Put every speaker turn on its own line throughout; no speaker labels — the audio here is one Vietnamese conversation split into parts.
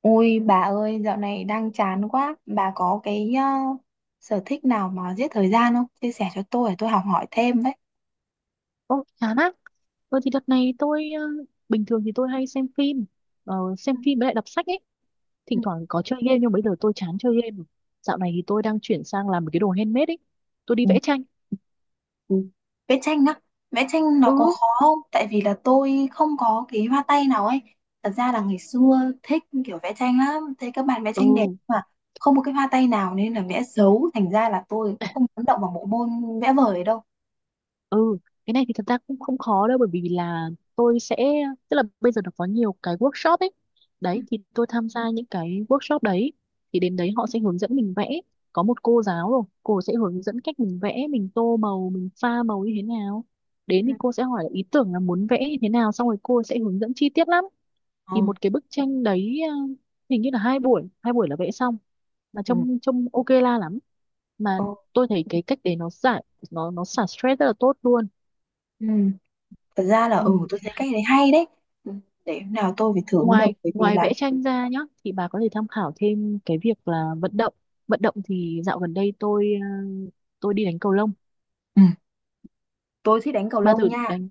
Ôi bà ơi, dạo này đang chán quá. Bà có cái sở thích nào mà giết thời gian không? Chia sẻ cho tôi để tôi học hỏi thêm đấy.
Ô, chán á. Ờ thì đợt này tôi bình thường thì tôi hay xem phim với lại đọc sách ấy.
Ừ.
Thỉnh thoảng có chơi game nhưng bây giờ tôi chán chơi game rồi. Dạo này thì tôi đang chuyển sang làm một cái đồ handmade ấy. Tôi đi
Ừ.
vẽ tranh.
Ừ. Vẽ tranh á, vẽ tranh nó có
Ừ,
khó không? Tại vì là tôi không có cái hoa tay nào ấy. Thật ra là ngày xưa thích kiểu vẽ tranh lắm, thấy các bạn vẽ tranh đẹp
ừ.
mà không có cái hoa tay nào nên là vẽ xấu. Thành ra là tôi không dám động vào bộ môn vẽ vời đâu.
Ừ, cái này thì thật ra cũng không khó đâu bởi vì là tôi sẽ tức là bây giờ nó có nhiều cái workshop ấy.
Ừ.
Đấy thì tôi tham gia những cái workshop đấy thì đến đấy họ sẽ hướng dẫn mình vẽ. Có một cô giáo rồi, cô sẽ hướng dẫn cách mình vẽ, mình tô màu, mình pha màu như thế nào.
Ừ.
Đến thì cô sẽ hỏi là ý tưởng là muốn vẽ như thế nào xong rồi cô sẽ hướng dẫn chi tiết lắm.
Ờ.
Thì một cái bức tranh đấy hình như là 2 buổi, 2 buổi là vẽ xong mà
Ừ.
trông trông ok la lắm. Mà
Ờ.
tôi thấy cái cách đấy nó giải nó xả stress rất là tốt luôn.
Ừ. Thật ra là
Ừ.
tôi thấy cách đấy hay đấy. Ừ, để hôm nào tôi phải thử mới được
ngoài
bởi vì
ngoài
là...
vẽ tranh ra nhá thì bà có thể tham khảo thêm cái việc là vận động. Vận động thì dạo gần đây tôi đi đánh cầu lông.
Ừ, tôi thích đánh cầu
Bà
lông
thử
nha.
đánh.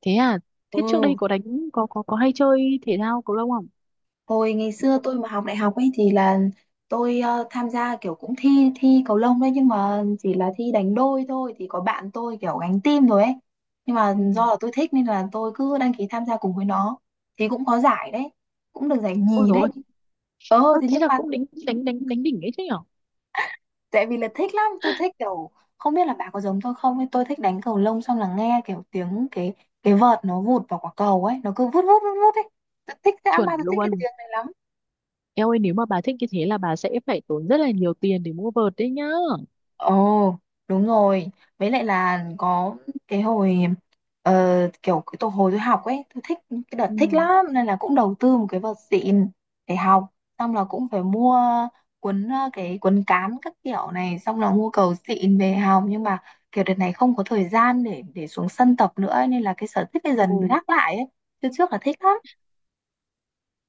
Thế à? Thế trước đây
Ừ,
có đánh có hay chơi thể thao cầu lông không?
hồi ngày xưa tôi mà học đại học ấy thì là tôi tham gia kiểu cũng thi thi cầu lông đấy, nhưng mà chỉ là thi đánh đôi thôi thì có bạn tôi kiểu gánh team rồi ấy, nhưng mà
Ừ.
do là tôi thích nên là tôi cứ đăng ký tham gia cùng với nó. Thì cũng có giải đấy, cũng được giải
Ôi
nhì đấy.
rồi,
Ờ, thế
thế
nhưng
là
mà,
cũng đánh đánh đánh đánh đỉnh ấy chứ nhở.
tại vì là thích lắm, tôi thích kiểu không biết là bà có giống tôi không, nhưng tôi thích đánh cầu lông xong là nghe kiểu tiếng cái vợt nó vụt vào quả cầu ấy, nó cứ vút vút vút vút ấy. Tôi thích dã
Chuẩn
man, tôi thích cái
luôn.
tiếng này lắm.
Eo ơi, nếu mà bà thích như thế là bà sẽ phải tốn rất là nhiều tiền để mua vợt đấy nhá.
Ồ, đúng rồi. Với lại là có cái hồi ờ, kiểu cái tổ hồi tôi học ấy, tôi thích cái đợt
Ừ.
thích lắm nên là cũng đầu tư một cái vợt xịn để học, xong là cũng phải mua cái cuốn cán các kiểu này, xong là mua cầu xịn về học, nhưng mà kiểu đợt này không có thời gian để xuống sân tập nữa ấy, nên là cái sở thích này dần
Ừ.
gác lại ấy. Trước trước là thích lắm.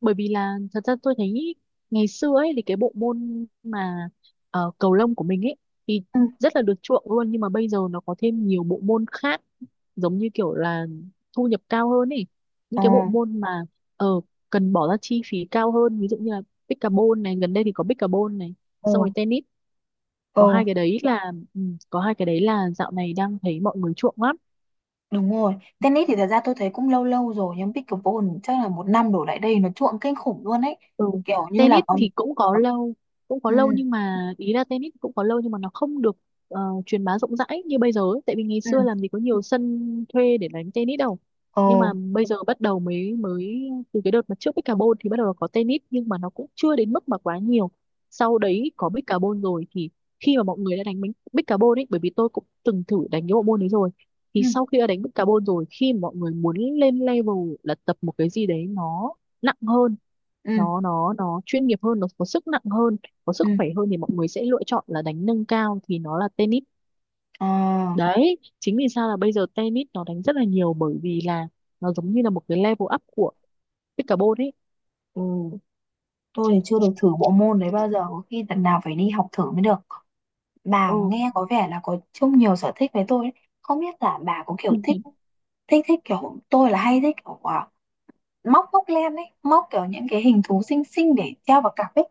Bởi vì là thật ra tôi thấy ngày xưa ấy thì cái bộ môn mà cầu lông của mình ấy thì
Ừ.
rất là được chuộng luôn, nhưng mà bây giờ nó có thêm nhiều bộ môn khác giống như kiểu là thu nhập cao hơn ấy, những
Ồ.
cái bộ môn mà ờ cần bỏ ra chi phí cao hơn, ví dụ như là pickleball này, gần đây thì có pickleball này,
Ồ.
xong rồi tennis. có
Ồ.
hai cái đấy là ừ, có hai cái đấy là dạo này đang thấy mọi người chuộng lắm.
Đúng rồi, tennis thì thật ra tôi thấy cũng lâu lâu rồi, nhưng pickleball chắc là một năm đổ lại đây nó chuộng kinh khủng luôn ấy.
Ừ.
Kiểu như là
Tennis
có.
thì cũng có lâu cũng có
Ừ.
lâu nhưng mà ý là tennis cũng có lâu nhưng mà nó không được ờ, truyền bá rộng rãi như bây giờ ấy. Tại vì ngày
Ừ.
xưa làm gì có nhiều sân thuê để đánh tennis đâu,
Ờ.
nhưng mà bây giờ bắt đầu mới mới từ cái đợt mà trước Bích Carbon thì bắt đầu có tennis nhưng mà nó cũng chưa đến mức mà quá nhiều. Sau đấy có Bích Carbon rồi thì khi mà mọi người đã đánh Bích Carbon ấy, bởi vì tôi cũng từng thử đánh cái bộ môn đấy rồi,
Ừ.
thì sau khi đã đánh Bích Carbon rồi, khi mà mọi người muốn lên level là tập một cái gì đấy nó nặng hơn,
Ừ.
nó chuyên nghiệp hơn, nó có sức nặng hơn, có
Ừ.
sức khỏe hơn, thì mọi người sẽ lựa chọn là đánh nâng cao thì nó là tennis.
Ờ.
Đấy chính vì sao là bây giờ tennis nó đánh rất là nhiều, bởi vì là nó giống như là một cái level up của pickleball ấy.
Ừ. Tôi thì chưa được thử bộ môn đấy bao giờ, có khi lần nào phải đi học thử mới được. Bà
Ừ.
nghe có vẻ là có chung nhiều sở thích với tôi ấy. Không biết là bà có kiểu thích thích thích kiểu tôi là hay thích kiểu móc móc len ấy, móc kiểu những cái hình thú xinh xinh để treo vào cặp ấy.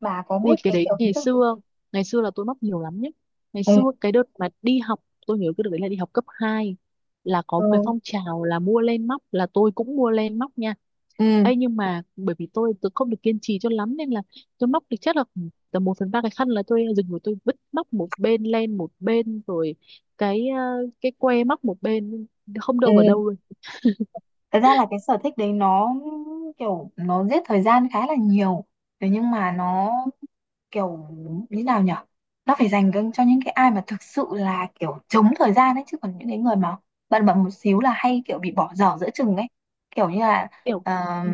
Bà có
Ui,
biết
cái
cái
đấy
kiểu hình
ngày
thức.
xưa, ngày xưa là tôi mắc nhiều lắm nhé. Ngày
Ừ.
xưa cái đợt mà đi học, tôi nhớ cái đợt đấy là đi học cấp 2, là có một cái
Ừ.
phong trào là mua len móc, là tôi cũng mua len móc nha.
Ừ.
Ê, nhưng mà bởi vì tôi không được kiên trì cho lắm, nên là tôi móc được chắc là khoảng tầm 1/3 cái khăn là tôi dừng rồi, tôi vứt móc một bên, len một bên, rồi cái ờ, cái que móc một bên, không
Ừ,
đâu vào đâu luôn.
thật ra là cái sở thích đấy nó kiểu nó giết thời gian khá là nhiều. Thế nhưng mà nó kiểu như nào nhở, nó phải dành cho những cái ai mà thực sự là kiểu chống thời gian ấy, chứ còn những cái người mà bận bận một xíu là hay kiểu bị bỏ dở giữa chừng ấy, kiểu như là
Kiểu,
ờ,
ừ,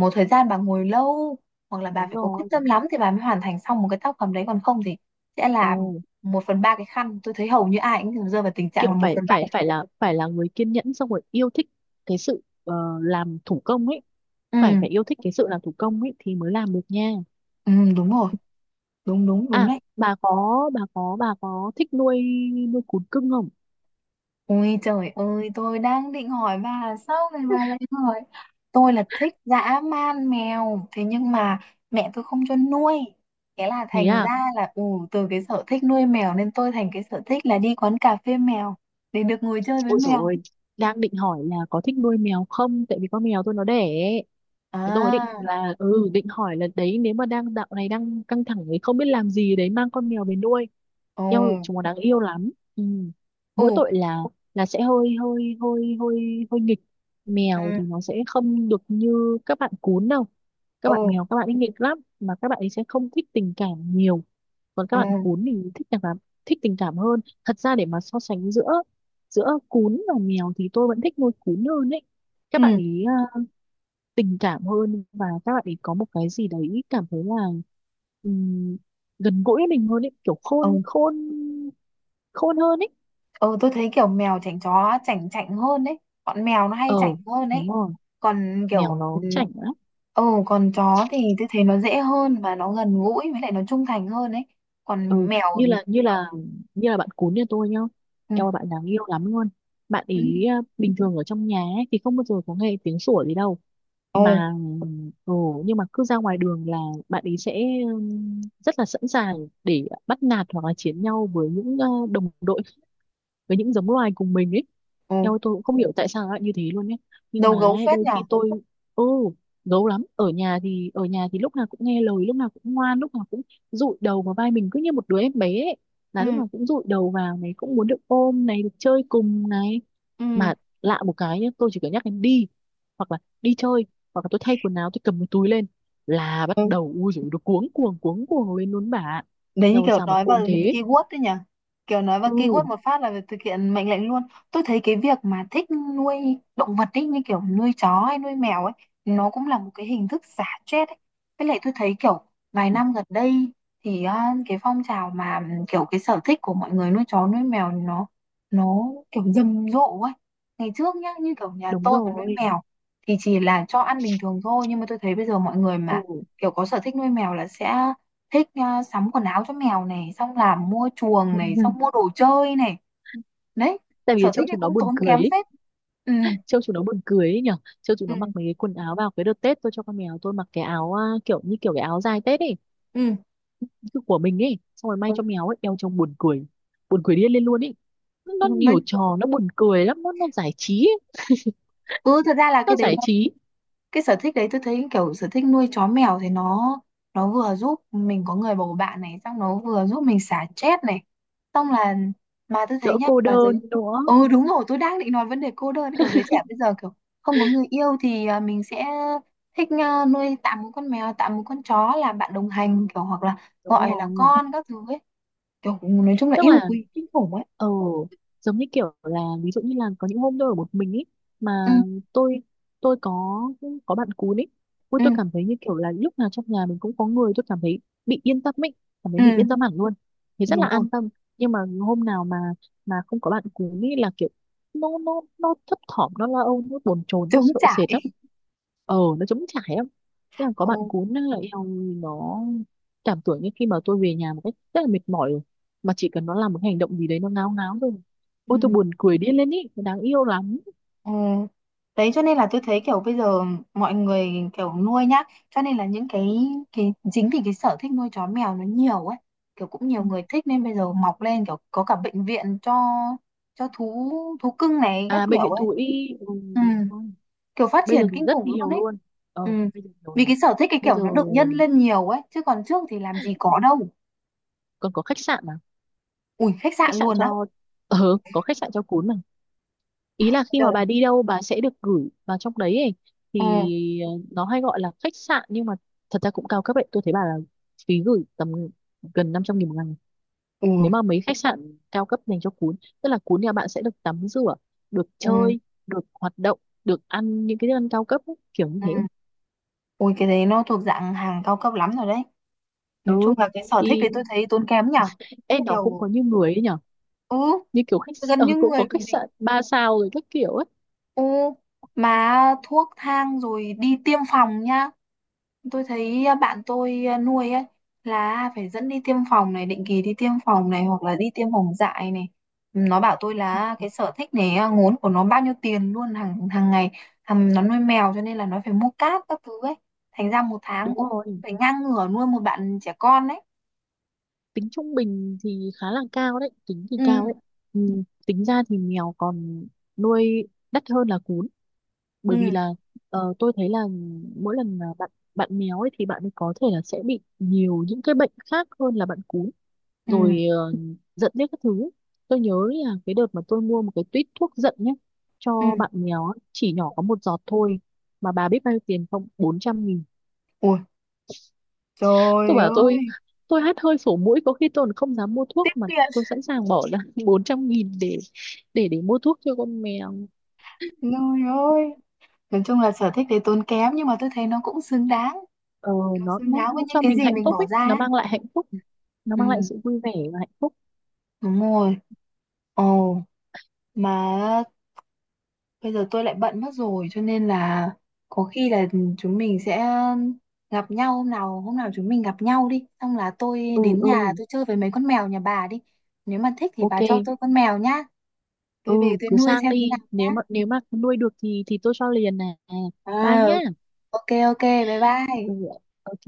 một thời gian bà ngồi lâu, hoặc là bà
đúng
phải có quyết
rồi.
tâm lắm thì bà mới hoàn thành xong một cái tác phẩm đấy, còn không thì sẽ
ờ,
là một phần ba cái khăn. Tôi thấy hầu như ai cũng rơi vào tình trạng là
kiểu
một
phải
phần ba
phải
cái...
phải là người kiên nhẫn, xong rồi yêu thích cái sự làm thủ công ấy, phải
Ừ.
phải yêu thích cái sự làm thủ công ấy thì mới làm được nha.
Ừ đúng rồi, đúng đúng đúng
À,
đấy.
bà có bà có thích nuôi nuôi cún cưng không?
Ôi trời ơi, tôi đang định hỏi bà là sao này bà lại hỏi. Tôi là thích dã man mèo, thế nhưng mà mẹ tôi không cho nuôi. Thế là
Thế
thành
à.
ra là từ cái sở thích nuôi mèo nên tôi thành cái sở thích là đi quán cà phê mèo để được ngồi chơi với
Ôi dồi
mèo.
ôi, đang định hỏi là có thích nuôi mèo không? Tại vì con mèo tôi nó đẻ ấy. Thế tôi
À.
định hỏi là đấy, nếu mà dạo này đang căng thẳng ấy, không biết làm gì, đấy mang con mèo về nuôi,
Ồ.
yêu chúng nó, đáng yêu lắm. Ừ. Mỗi
Ồ.
tội là sẽ hơi hơi hơi hơi hơi nghịch. Mèo
Ừ.
thì nó sẽ không được như các bạn cún đâu, các
Ồ.
bạn mèo, các bạn ấy nghịch lắm, mà các bạn ấy sẽ không thích tình cảm nhiều, còn
Ừ.
các bạn cún thì thích tình cảm hơn. Thật ra để mà so sánh giữa giữa cún và mèo thì tôi vẫn thích nuôi cún hơn ấy. Các bạn
Ừ.
ấy à, tình cảm hơn, và các bạn ấy có một cái gì đấy cảm thấy là ừm, gần gũi với mình hơn ấy, kiểu khôn
Ừ.
khôn khôn hơn ấy.
Ừ, tôi thấy kiểu mèo chảnh, chó chảnh chảnh hơn đấy. Bọn mèo nó hay
Ờ,
chảnh hơn
đúng
đấy.
rồi.
Còn
Mèo
kiểu,
nó
ừ,
chảnh lắm.
ừ, còn chó thì tôi thấy nó dễ hơn và nó gần gũi, với lại nó trung thành hơn đấy. Còn
Ừ,
mèo.
như là như là như là bạn cún nhà tôi nhá.
Ừ.
Eo ơi, bạn đáng yêu lắm luôn. Bạn
Ừ.
ý à, bình thường ở trong nhà ấy, thì không bao giờ có nghe tiếng sủa gì đâu,
Ừ.
mà ừ, nhưng mà cứ ra ngoài đường là bạn ý sẽ rất là sẵn sàng để bắt nạt hoặc là chiến nhau với những đồng đội, với những giống loài cùng mình ấy.
Ừ.
Theo tôi cũng không hiểu tại sao lại như thế luôn ấy, nhưng
Đầu
mà
gấu
ấy,
phết
đôi
nhở?
khi tôi. Ừ. Gấu lắm. Ở nhà thì lúc nào cũng nghe lời, lúc nào cũng ngoan, lúc nào cũng dụi đầu vào vai mình cứ như một đứa em bé ấy.
Ừ.
Là lúc nào cũng dụi đầu vào này, cũng muốn được ôm này, được chơi cùng này. Mà lạ một cái nhá, tôi chỉ cần nhắc em đi, hoặc là đi chơi, hoặc là tôi thay quần áo, tôi cầm cái túi lên, là bắt
Ừ.
đầu ui dồi, nó cuống cuồng lên luôn bà ạ.
Đấy, như
Theo
kiểu
sao mà
nói
khôn
vào
thế.
keyword đấy nhỉ? Kiểu nói vào keyword
Ừ,
một phát là thực hiện mệnh lệnh luôn. Tôi thấy cái việc mà thích nuôi động vật ấy, như kiểu nuôi chó hay nuôi mèo ấy, nó cũng là một cái hình thức xả stress ấy. Với lại tôi thấy kiểu vài năm gần đây thì cái phong trào mà, ừ, kiểu cái sở thích của mọi người nuôi chó nuôi mèo nó kiểu rầm rộ ấy. Ngày trước nhá, như kiểu nhà
đúng
tôi mà nuôi
rồi.
mèo thì chỉ là cho ăn bình thường thôi, nhưng mà tôi thấy bây giờ mọi người mà
Ừ.
kiểu có sở thích nuôi mèo là sẽ thích sắm quần áo cho mèo này, xong làm mua chuồng
Vâng.
này,
Vâng.
xong mua đồ chơi này. Đấy,
Tại vì
sở
trông
thích này
chúng nó
cũng
buồn
tốn
cười
kém
ấy.
phết. Ừ.
Trông chúng nó buồn cười ấy nhở. Trông chúng nó
Ừ.
mặc mấy cái quần áo, vào cái đợt Tết tôi cho con mèo tôi mặc cái áo à, kiểu như kiểu cái áo dài Tết ấy,
Ừ.
cứ của mình ấy xong rồi may cho mèo ấy đeo, trông buồn cười, buồn cười điên lên luôn ấy.
Ừ,
Nó
nói
nhiều
ừ.
trò, nó buồn cười lắm, nó giải trí ấy.
Ừ, thật ra là cái
Nó
đấy,
giải trí.
cái sở thích đấy tôi thấy kiểu sở thích nuôi chó mèo thì nó vừa giúp mình có người bầu bạn này, xong nó vừa giúp mình xả stress này, xong là mà tôi thấy
Đỡ
nhá,
cô
mà giới...
đơn nữa.
Ừ đúng rồi, tôi đang định nói vấn đề cô đơn, kiểu giới trẻ bây giờ kiểu không có người yêu thì mình sẽ thích nuôi tạm một con mèo, tạm một con chó là bạn đồng hành, kiểu hoặc là
Đúng
gọi là
rồi.
con các thứ ấy, kiểu nói chung là
Tức
yêu
là
quý kinh khủng ấy.
ờ giống như kiểu là, ví dụ như là có những hôm tôi ở một mình ấy, mà
Ừ.
tôi tôi có bạn cún ấy, ui
Ừ.
tôi cảm thấy như kiểu là lúc nào trong nhà mình cũng có người, tôi cảm thấy bị yên tâm ấy, cảm thấy mình yên tâm
Ừ
hẳn luôn, thì rất là
đúng rồi.
an tâm. Nhưng mà hôm nào mà không có bạn cún ấy là kiểu nó thấp thỏm, nó lo âu, nó bồn chồn, nó
Chống
sợ sệt lắm.
trải.
Ờ, nó trống trải lắm. Thế là có bạn
Ừ.
cún là eo, nó cảm tưởng như khi mà tôi về nhà một cách rất là mệt mỏi, mà chỉ cần nó làm một hành động gì đấy, nó ngáo ngáo rồi,
Ừ.
ôi tôi buồn cười điên lên ý, nó đáng yêu lắm.
Ừ. Đấy cho nên là tôi thấy kiểu bây giờ mọi người kiểu nuôi nhá, cho nên là những cái chính vì cái sở thích nuôi chó mèo nó nhiều ấy, kiểu cũng nhiều
Ừ.
người thích nên bây giờ mọc lên kiểu có cả bệnh viện cho thú thú cưng này các
À, bệnh
kiểu
viện
ấy.
thú y, ừ,
Ừ.
đúng rồi.
Kiểu phát
Bây
triển
giờ thì
kinh
rất
khủng luôn
nhiều
ấy.
luôn. Ờ,
Ừ.
bây giờ nhiều
Vì
lắm.
cái sở thích cái
Bây
kiểu
giờ
nó được nhân lên nhiều ấy, chứ còn trước thì làm gì có đâu.
còn có khách sạn mà,
Ui, khách
khách
sạn
sạn
luôn á?
cho ờ có khách sạn cho cún mà. Ý là khi
Trời.
mà bà đi đâu bà sẽ được gửi vào trong đấy ấy.
Ừ.
Thì nó hay gọi là khách sạn nhưng mà thật ra cũng cao cấp ấy, tôi thấy bà là phí gửi tầm gần 500.000 một ngày,
Ừ.
nếu mà mấy khách sạn cao cấp dành cho cún. Tức là cún nhà bạn sẽ được tắm rửa, được
Ừ.
chơi, được hoạt động, được ăn những cái thức ăn cao cấp ấy, kiểu như
Ừ.
thế.
Ui, cái đấy nó thuộc dạng hàng cao cấp lắm rồi đấy. Nói chung
Ừ,
là cái sở thích
thì
đấy tôi thấy tốn kém nhỉ.
em nó cũng
Kiểu,
có như người ấy nhở.
ừ,
Như kiểu
gần như
cũng có
người
khách
còn gì.
sạn 3 sao rồi các kiểu ấy.
Ừ, mà thuốc thang rồi đi tiêm phòng nhá. Tôi thấy bạn tôi nuôi ấy là phải dẫn đi tiêm phòng này, định kỳ đi tiêm phòng này hoặc là đi tiêm phòng dại này. Nó bảo tôi là cái sở thích này ngốn của nó bao nhiêu tiền luôn, hàng hàng ngày. Thằng nó nuôi mèo cho nên là nó phải mua cát các thứ ấy. Thành ra một tháng
Đúng
cũng
rồi,
phải ngang ngửa nuôi một bạn trẻ con đấy.
tính trung bình thì khá là cao đấy, tính thì
Ừ.
cao đấy. Ừ, tính ra thì mèo còn nuôi đắt hơn là cún,
Ừ.
bởi vì là tôi thấy là mỗi lần mà bạn bạn mèo ấy thì bạn ấy có thể là sẽ bị nhiều những cái bệnh khác hơn là bạn cún.
Ừ.
Rồi giận biết các thứ, tôi nhớ là cái đợt mà tôi mua một cái tuýt thuốc giận nhé,
Ừ.
cho bạn mèo á, chỉ nhỏ có một giọt thôi, mà bà biết bao nhiêu tiền không? 400.000.
Ui,
Tôi
trời
bảo tôi
ơi,
tôi hắt hơi sổ mũi có khi tôi còn không dám mua thuốc,
tiếc
mà
tiền,
tôi sẵn sàng bỏ ra 400.000 để mua thuốc cho con mèo.
trời ơi. Nói chung là sở thích đấy tốn kém, nhưng mà tôi thấy nó cũng xứng đáng.
ờ,
Nó
nó,
xứng
nó
đáng với
nó
những
cho
cái
mình
gì
hạnh
mình
phúc
bỏ
ấy,
ra
nó
ấy.
mang lại hạnh phúc, nó
Ừ,
mang lại sự vui vẻ và hạnh phúc.
đúng rồi. Ồ, mà bây giờ tôi lại bận mất rồi cho nên là có khi là chúng mình sẽ gặp nhau hôm nào chúng mình gặp nhau đi. Xong là tôi
Ừ,
đến
ừ.
nhà tôi chơi với mấy con mèo nhà bà đi. Nếu mà thích thì
Ok.
bà cho tôi con mèo nhá.
Ừ,
Tôi về tôi
cứ
nuôi
sang
xem thế
đi,
nào nhá.
nếu mà nuôi được thì tôi cho liền nè.
Ờ,
Bye nhá.
ok ok, bye
Ừ,
bye.
ok.